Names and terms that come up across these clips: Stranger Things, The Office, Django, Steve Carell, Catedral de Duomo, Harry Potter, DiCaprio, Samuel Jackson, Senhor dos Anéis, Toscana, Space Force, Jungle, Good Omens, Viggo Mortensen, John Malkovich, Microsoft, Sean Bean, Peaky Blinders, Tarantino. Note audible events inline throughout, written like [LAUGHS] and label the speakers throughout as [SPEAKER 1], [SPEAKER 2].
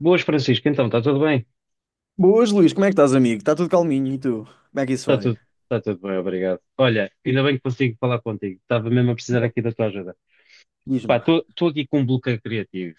[SPEAKER 1] Boas, Francisco. Então, está tudo bem?
[SPEAKER 2] Boas, Luís, como é que estás, amigo? Está tudo calminho e tu? Como é que isso
[SPEAKER 1] Está
[SPEAKER 2] vai?
[SPEAKER 1] tudo, está tudo bem, obrigado. Olha, ainda bem que consigo falar contigo. Estava mesmo a precisar
[SPEAKER 2] Então,
[SPEAKER 1] aqui da tua ajuda. Pá,
[SPEAKER 2] diz-me.
[SPEAKER 1] estou aqui com um bloqueio criativo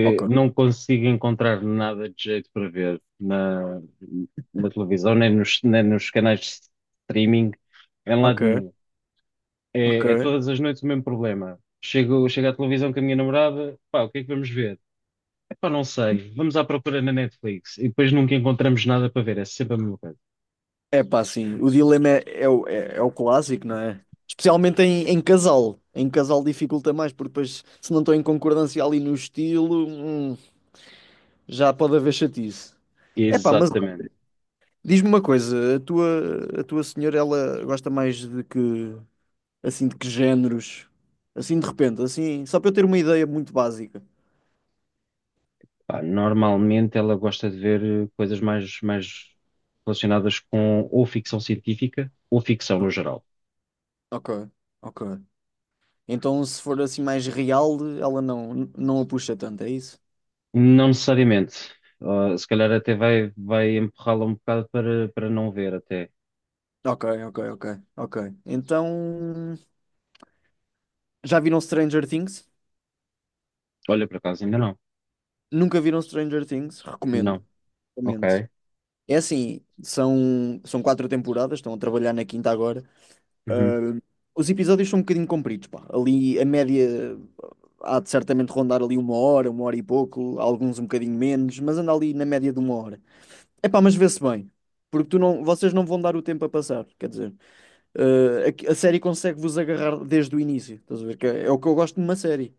[SPEAKER 2] Ok,
[SPEAKER 1] não consigo encontrar nada de jeito para ver na televisão, nem nos canais de streaming, em lado
[SPEAKER 2] ok,
[SPEAKER 1] nenhum.
[SPEAKER 2] ok.
[SPEAKER 1] É todas as noites o mesmo problema. Chego à televisão com a minha namorada, pá, o que é que vamos ver? Epá, não sei. Vamos à procura na Netflix e depois nunca encontramos nada para ver. É sempre a mesma coisa.
[SPEAKER 2] É pá, sim, o dilema é o clássico, não é? Especialmente em casal. Em casal dificulta mais, porque depois, se não estão em concordância ali no estilo, já pode haver chatice. É pá, mas
[SPEAKER 1] Exatamente.
[SPEAKER 2] diz-me uma coisa, a tua senhora, ela gosta mais de que, assim, de que géneros? Assim, de repente, assim, só para eu ter uma ideia muito básica.
[SPEAKER 1] Pá, normalmente ela gosta de ver coisas mais relacionadas com ou ficção científica ou ficção no geral.
[SPEAKER 2] Ok, ok. Então, se for assim mais real, ela não a puxa tanto, é isso?
[SPEAKER 1] Não necessariamente. Ah, se calhar até vai empurrá-la um bocado para não ver até.
[SPEAKER 2] Ok, ok, ok, ok. Então, já viram Stranger Things?
[SPEAKER 1] Olha, por acaso, ainda não.
[SPEAKER 2] Nunca viram Stranger Things?
[SPEAKER 1] Não.
[SPEAKER 2] Recomendo, recomendo.
[SPEAKER 1] Ok.
[SPEAKER 2] É assim, são quatro temporadas, estão a trabalhar na quinta agora.
[SPEAKER 1] Uhum.
[SPEAKER 2] Ah, os episódios são um bocadinho compridos, pá. Ali a média há de certamente rondar ali uma hora e pouco, alguns um bocadinho menos, mas anda ali na média de uma hora. Epá, mas vê-se bem, porque tu não, vocês não vão dar o tempo a passar, quer dizer. A série consegue-vos agarrar desde o início. Estás a ver? Que é o que eu gosto de uma série.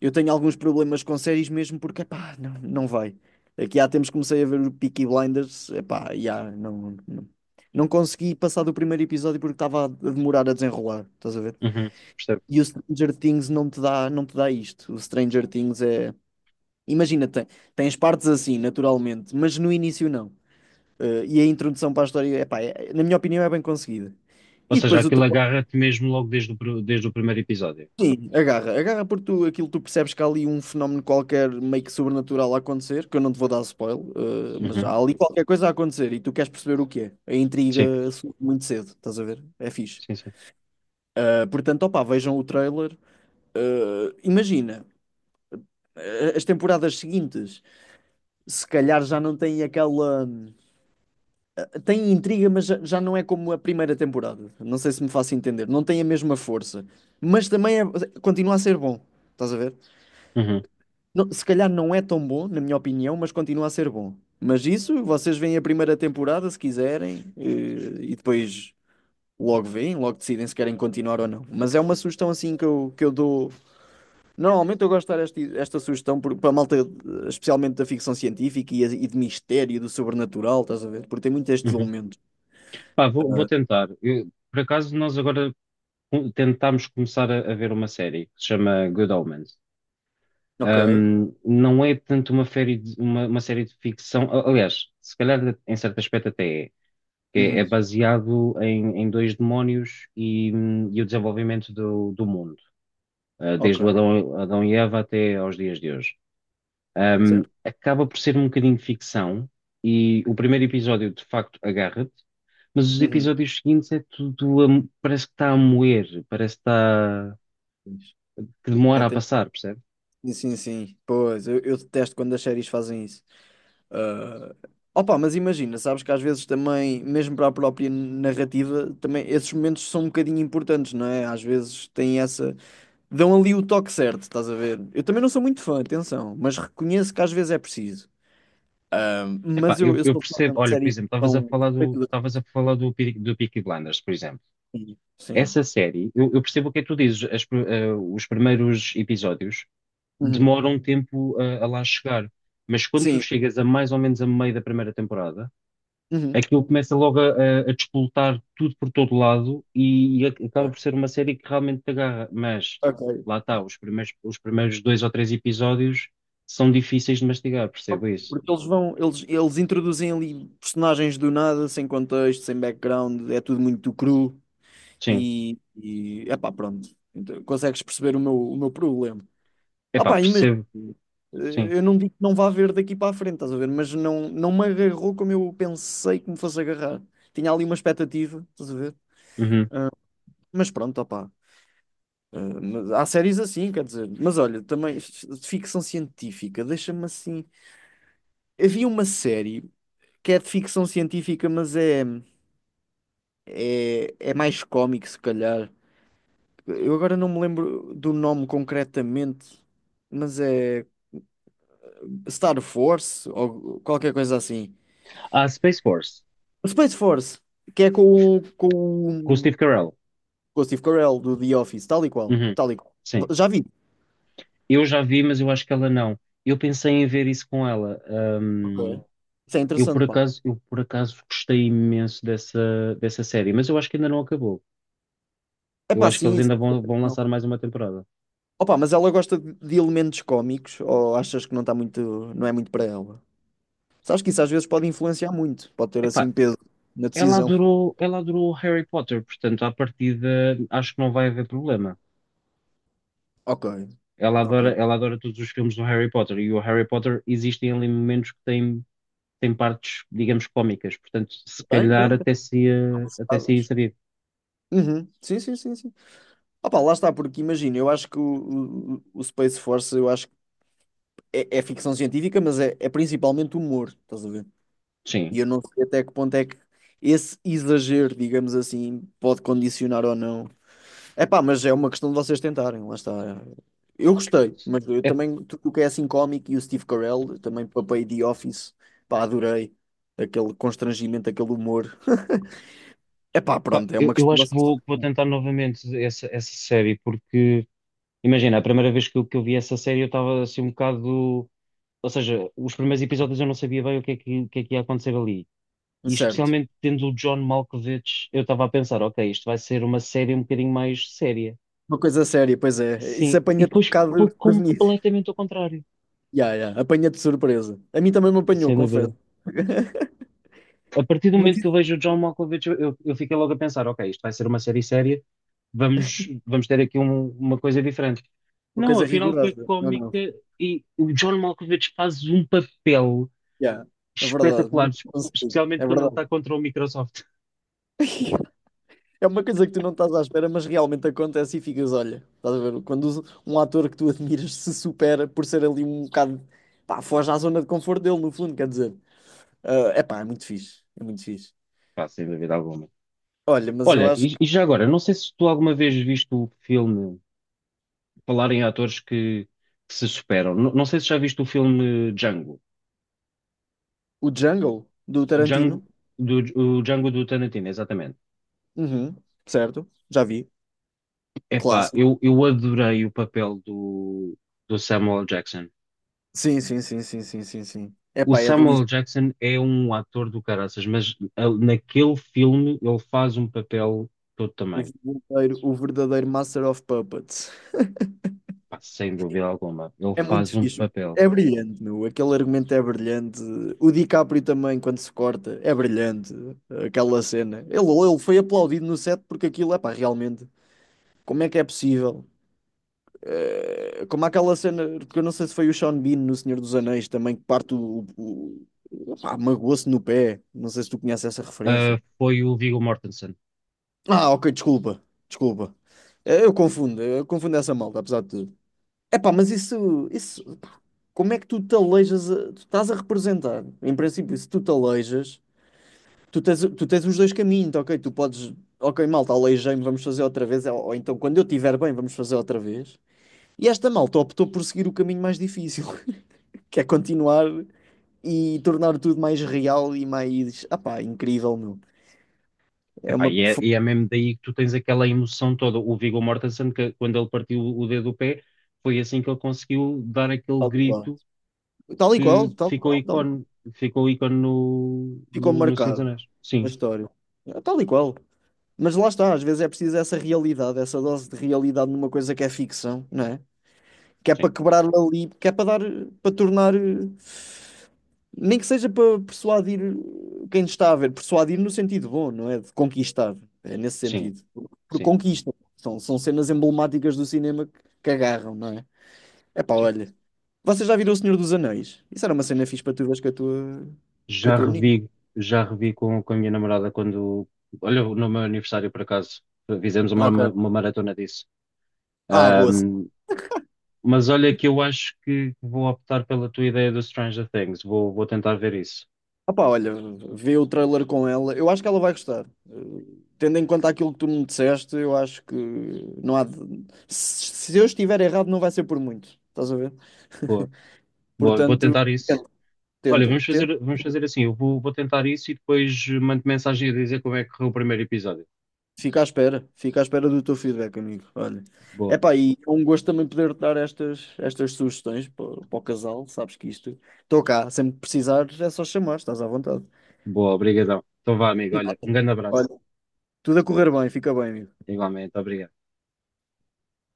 [SPEAKER 2] Eu tenho alguns problemas com séries mesmo porque, pá, não vai. Aqui há tempos comecei a ver o Peaky Blinders, epá, já, não consegui passar do primeiro episódio porque estava a demorar a desenrolar, estás a ver?
[SPEAKER 1] Uhum. Percebo.
[SPEAKER 2] E o Stranger Things não te dá, não te dá isto. O Stranger Things é. Imagina, tem, tens partes assim, naturalmente, mas no início não. E a introdução para a história, epá, é, na minha opinião, é bem conseguida.
[SPEAKER 1] Ou
[SPEAKER 2] E
[SPEAKER 1] seja,
[SPEAKER 2] depois o,
[SPEAKER 1] aquilo agarra-te mesmo logo desde o, desde o primeiro episódio.
[SPEAKER 2] Sim, agarra, agarra porque tu, aquilo tu percebes que há ali um fenómeno qualquer meio que sobrenatural a acontecer, que eu não te vou dar spoiler, mas já
[SPEAKER 1] Uhum.
[SPEAKER 2] há ali qualquer coisa a acontecer e tu queres perceber o que é. A
[SPEAKER 1] Sim,
[SPEAKER 2] intriga surge muito cedo, estás a ver? É fixe.
[SPEAKER 1] sim, sim.
[SPEAKER 2] Portanto, opá, vejam o trailer. Imagina, as temporadas seguintes, se calhar já não têm aquela. Têm intriga, mas já não é como a primeira temporada. Não sei se me faço entender. Não tem a mesma força, mas continua a ser bom, estás a ver?
[SPEAKER 1] Uhum.
[SPEAKER 2] Se calhar não é tão bom, na minha opinião, mas continua a ser bom. Mas isso, vocês veem a primeira temporada se quiserem, e depois logo veem, logo decidem se querem continuar ou não. Mas é uma sugestão assim que eu dou. Normalmente eu gosto de dar esta sugestão para a malta, especialmente da ficção científica e de mistério, do sobrenatural, estás a ver? Porque tem muito este
[SPEAKER 1] Uhum.
[SPEAKER 2] elemento.
[SPEAKER 1] Pá, vou tentar. Por acaso, nós agora tentámos começar a ver uma série que se chama Good Omens.
[SPEAKER 2] Ok.
[SPEAKER 1] Não é tanto série de uma série de ficção. Aliás, se calhar em certo aspecto até é, é
[SPEAKER 2] Uhum.
[SPEAKER 1] baseado em dois demónios e o desenvolvimento do mundo,
[SPEAKER 2] Ok.
[SPEAKER 1] desde o Adão e Eva até aos dias de hoje.
[SPEAKER 2] Certo?
[SPEAKER 1] Acaba por ser um bocadinho de ficção e o primeiro episódio de facto agarra-te, mas os
[SPEAKER 2] Uhum.
[SPEAKER 1] episódios seguintes é tudo, parece que está a moer, parece que está, que
[SPEAKER 2] É,
[SPEAKER 1] demora a
[SPEAKER 2] tem-
[SPEAKER 1] passar, percebes?
[SPEAKER 2] Sim, sim, sim. Pois, eu detesto quando as séries fazem isso. Ah, opa, mas imagina, sabes que às vezes também, mesmo para a própria narrativa, também esses momentos são um bocadinho importantes, não é? Às vezes têm essa. Dão ali o toque certo, estás a ver? Eu também não sou muito fã, atenção, mas reconheço que às vezes é preciso. Ah,
[SPEAKER 1] Epá,
[SPEAKER 2] mas eu, eu
[SPEAKER 1] eu
[SPEAKER 2] sou
[SPEAKER 1] percebo,
[SPEAKER 2] fã de
[SPEAKER 1] olha, por
[SPEAKER 2] séries que
[SPEAKER 1] exemplo, estavas a
[SPEAKER 2] são
[SPEAKER 1] falar do,
[SPEAKER 2] feitas
[SPEAKER 1] estavas a falar do do Peaky Blinders, por exemplo.
[SPEAKER 2] assim. Sim.
[SPEAKER 1] Essa série, eu percebo o que é que tu dizes, os primeiros episódios
[SPEAKER 2] Uhum.
[SPEAKER 1] demoram um tempo a lá chegar, mas quando tu
[SPEAKER 2] Sim.
[SPEAKER 1] chegas a mais ou menos a meio da primeira temporada,
[SPEAKER 2] Uhum.
[SPEAKER 1] aquilo começa logo a despoletar tudo por todo lado e acaba por ser uma série que realmente te agarra, mas
[SPEAKER 2] Ok.
[SPEAKER 1] lá está, os primeiros dois ou três episódios são difíceis de mastigar,
[SPEAKER 2] Ok.
[SPEAKER 1] percebo isso.
[SPEAKER 2] Porque eles vão, eles introduzem ali personagens do nada, sem contexto, sem background, é tudo muito cru.
[SPEAKER 1] Sim,
[SPEAKER 2] E epá, pronto, então, consegues perceber o meu problema. Ah
[SPEAKER 1] epá,
[SPEAKER 2] pá, imagina,
[SPEAKER 1] percebo, sim.
[SPEAKER 2] eu não digo que não vá haver daqui para a frente, estás a ver, mas não me agarrou como eu pensei que me fosse agarrar. Tinha ali uma expectativa, estás a ver?
[SPEAKER 1] Uhum.
[SPEAKER 2] Mas pronto, opá. Mas há séries assim, quer dizer, mas olha, também de ficção científica, deixa-me assim. Havia uma série que é de ficção científica, mas é mais cómico, se calhar. Eu agora não me lembro do nome concretamente, mas é Star Force ou qualquer coisa assim.
[SPEAKER 1] Ah, Space Force,
[SPEAKER 2] Space Force, que é
[SPEAKER 1] com o Steve Carell.
[SPEAKER 2] com o Steve Carell do The Office, tal e qual,
[SPEAKER 1] Uhum.
[SPEAKER 2] tal e qual.
[SPEAKER 1] Sim.
[SPEAKER 2] Já vi.
[SPEAKER 1] Eu já vi, mas eu acho que ela não. Eu pensei em ver isso com ela.
[SPEAKER 2] Ok. Isso é
[SPEAKER 1] Eu por
[SPEAKER 2] interessante, pá.
[SPEAKER 1] acaso, eu por acaso gostei imenso dessa série, mas eu acho que ainda não acabou.
[SPEAKER 2] É
[SPEAKER 1] Eu
[SPEAKER 2] pá,
[SPEAKER 1] acho que
[SPEAKER 2] sim.
[SPEAKER 1] eles ainda vão
[SPEAKER 2] Não.
[SPEAKER 1] lançar mais uma temporada.
[SPEAKER 2] Opa, mas ela gosta de elementos cómicos ou achas que não está muito, não é muito para ela? Sabes que isso às vezes pode influenciar muito, pode ter
[SPEAKER 1] Epá,
[SPEAKER 2] assim peso na decisão.
[SPEAKER 1] ela adorou Harry Potter, portanto, à partida, acho que não vai haver problema.
[SPEAKER 2] Ok, ok.
[SPEAKER 1] Ela adora todos os filmes do Harry Potter e o Harry Potter existem ali momentos que têm tem partes, digamos, cómicas, portanto, se
[SPEAKER 2] Tem,
[SPEAKER 1] calhar
[SPEAKER 2] tem, tem.
[SPEAKER 1] até se ia saber.
[SPEAKER 2] Uhum. Sim, sim, sim, sim. Opa, lá está, porque imagina, eu acho que o Space Force, eu acho que é ficção científica, mas é principalmente humor, estás a ver? E
[SPEAKER 1] Sim.
[SPEAKER 2] eu não sei até que ponto é que esse exagero, digamos assim, pode condicionar ou não. É pá, mas é uma questão de vocês tentarem, lá está. Eu gostei, mas eu também, tudo o que é assim cómico e o Steve Carell, também papei The Office, pá, adorei. Aquele constrangimento, aquele humor. [LAUGHS] É pá,
[SPEAKER 1] Epá,
[SPEAKER 2] pronto, é uma questão
[SPEAKER 1] eu
[SPEAKER 2] de
[SPEAKER 1] acho que
[SPEAKER 2] vocês
[SPEAKER 1] vou
[SPEAKER 2] tentarem.
[SPEAKER 1] tentar novamente essa série, porque imagina, a primeira vez que que eu vi essa série eu estava assim um bocado. Ou seja, os primeiros episódios eu não sabia bem o que é o que é que ia acontecer ali. E
[SPEAKER 2] Certo.
[SPEAKER 1] especialmente tendo o John Malkovich, eu estava a pensar, ok, isto vai ser uma série um bocadinho mais séria.
[SPEAKER 2] Uma coisa séria, pois é. Isso
[SPEAKER 1] Sim, e
[SPEAKER 2] apanha-te um
[SPEAKER 1] depois
[SPEAKER 2] bocado
[SPEAKER 1] foi
[SPEAKER 2] desprevenido.
[SPEAKER 1] completamente ao contrário,
[SPEAKER 2] Ya, ya, apanha-te de surpresa. A mim também me apanhou,
[SPEAKER 1] sem
[SPEAKER 2] confesso.
[SPEAKER 1] dúvida.
[SPEAKER 2] [LAUGHS]
[SPEAKER 1] A partir do
[SPEAKER 2] Mas
[SPEAKER 1] momento que
[SPEAKER 2] isso
[SPEAKER 1] eu
[SPEAKER 2] é
[SPEAKER 1] vejo o John Malkovich, eu fiquei logo a pensar, ok, isto vai ser uma série séria, vamos ter aqui uma coisa diferente.
[SPEAKER 2] uma
[SPEAKER 1] Não,
[SPEAKER 2] coisa
[SPEAKER 1] afinal foi
[SPEAKER 2] rigorosa. Não, não.
[SPEAKER 1] cómica e o John Malkovich faz um papel
[SPEAKER 2] Ya, é verdade.
[SPEAKER 1] espetacular,
[SPEAKER 2] Muito
[SPEAKER 1] es-
[SPEAKER 2] conseguido.
[SPEAKER 1] especialmente
[SPEAKER 2] É
[SPEAKER 1] quando ele
[SPEAKER 2] verdade.
[SPEAKER 1] está contra o Microsoft.
[SPEAKER 2] É uma coisa que tu não estás à espera, mas realmente acontece e ficas, olha, estás a ver? Quando um ator que tu admiras se supera por ser ali um bocado, pá, foge à zona de conforto dele, no fundo, quer dizer. É pá, é muito fixe. É muito fixe.
[SPEAKER 1] Pá, sem dúvida alguma.
[SPEAKER 2] Olha, mas eu
[SPEAKER 1] Olha,
[SPEAKER 2] acho que
[SPEAKER 1] e já agora, não sei se tu alguma vez viste o filme, falar em atores que se superam, não sei se já viste o filme Django,
[SPEAKER 2] o Jungle do
[SPEAKER 1] Django
[SPEAKER 2] Tarantino,
[SPEAKER 1] do, o Django do Tarantino, exatamente.
[SPEAKER 2] uhum, certo? Já vi.
[SPEAKER 1] Epá,
[SPEAKER 2] Clássico.
[SPEAKER 1] eu adorei o papel do Samuel Jackson.
[SPEAKER 2] Sim, sim, sim, sim, sim, sim, sim. É
[SPEAKER 1] O
[SPEAKER 2] pá, é
[SPEAKER 1] Samuel
[SPEAKER 2] delícia.
[SPEAKER 1] Jackson é um ator do caraças, mas naquele filme ele faz um papel todo tamanho.
[SPEAKER 2] O verdadeiro Master of Puppets.
[SPEAKER 1] Pá, sem dúvida alguma. Ele
[SPEAKER 2] É muito
[SPEAKER 1] faz um
[SPEAKER 2] fixe.
[SPEAKER 1] papel.
[SPEAKER 2] É brilhante, meu. Aquele argumento é brilhante. O DiCaprio também, quando se corta, é brilhante. Aquela cena. Ele foi aplaudido no set porque aquilo, é pá, realmente. Como é que é possível? Como aquela cena, porque eu não sei se foi o Sean Bean no Senhor dos Anéis também, que parte pá, magoou-se no pé. Não sei se tu conheces essa
[SPEAKER 1] Ah,
[SPEAKER 2] referência.
[SPEAKER 1] foi o Viggo Mortensen.
[SPEAKER 2] Ah, ok, desculpa. Desculpa. Eu confundo essa malta, apesar de tudo. Epá, mas isso, pá, como é que tu te aleijas? Tu estás a representar. Em princípio, se tu te aleijas, tu tens os dois caminhos, tá ok? Tu podes, ok, malta, aleijei-me, vamos fazer outra vez, ou então quando eu estiver bem, vamos fazer outra vez. E esta malta optou por seguir o caminho mais difícil, [LAUGHS] que é continuar e tornar tudo mais real e mais, ah pá, incrível, meu. É
[SPEAKER 1] Epá,
[SPEAKER 2] uma.
[SPEAKER 1] e é mesmo daí que tu tens aquela emoção toda. O Viggo Mortensen, que quando ele partiu o dedo do pé, foi assim que ele conseguiu dar aquele
[SPEAKER 2] Tal e qual,
[SPEAKER 1] grito
[SPEAKER 2] tal e qual,
[SPEAKER 1] que
[SPEAKER 2] tal e qual. Tal e qual.
[SPEAKER 1] ficou ícone
[SPEAKER 2] Ficou
[SPEAKER 1] no Senhor dos
[SPEAKER 2] marcado
[SPEAKER 1] Anéis.
[SPEAKER 2] a
[SPEAKER 1] Sim.
[SPEAKER 2] história. É tal e qual. Mas lá está, às vezes é preciso essa realidade, essa dose de realidade numa coisa que é ficção, não é? Que é
[SPEAKER 1] Sim.
[SPEAKER 2] para quebrar ali, que é para dar, para tornar, nem que seja para persuadir quem está a ver, persuadir no sentido bom, não é? De conquistar, é nesse
[SPEAKER 1] Sim,
[SPEAKER 2] sentido. Por
[SPEAKER 1] sim,
[SPEAKER 2] conquista. São cenas emblemáticas do cinema que agarram, não é? É pá,
[SPEAKER 1] sim.
[SPEAKER 2] olha. Vocês já viram O Senhor dos Anéis? Isso era uma cena fixe para tu veres com a
[SPEAKER 1] Já
[SPEAKER 2] tua menina.
[SPEAKER 1] revi, já revi com a minha namorada quando. Olha, no meu aniversário, por acaso, fizemos
[SPEAKER 2] Ok.
[SPEAKER 1] uma maratona disso.
[SPEAKER 2] Ah, boa.
[SPEAKER 1] Ahm, mas olha que eu acho que vou optar pela tua ideia do Stranger Things. Vou tentar ver isso.
[SPEAKER 2] Opá, olha, vê o trailer com ela. Eu acho que ela vai gostar. Tendo em conta aquilo que tu me disseste, eu acho que não há de... Se eu estiver errado, não vai ser por muito. Estás a ver?
[SPEAKER 1] Boa, Boa, vou
[SPEAKER 2] Portanto,
[SPEAKER 1] tentar isso.
[SPEAKER 2] tenta,
[SPEAKER 1] Olha,
[SPEAKER 2] tenta, tenta.
[SPEAKER 1] vamos fazer assim. Vou tentar isso e depois mando mensagem a dizer como é que correu o primeiro episódio.
[SPEAKER 2] Fica à espera. Fica à espera do teu feedback, amigo. Olha.
[SPEAKER 1] Boa,
[SPEAKER 2] Epá, e é um gosto também poder dar estas sugestões para, para o casal. Sabes que isto... Estou cá. Sempre que precisares, é só chamar. Estás à vontade.
[SPEAKER 1] Boa, obrigadão. Então vá, amigo. Olha, um
[SPEAKER 2] Nada.
[SPEAKER 1] grande abraço.
[SPEAKER 2] Olha, tudo a correr bem. Fica bem, amigo.
[SPEAKER 1] Igualmente, obrigado.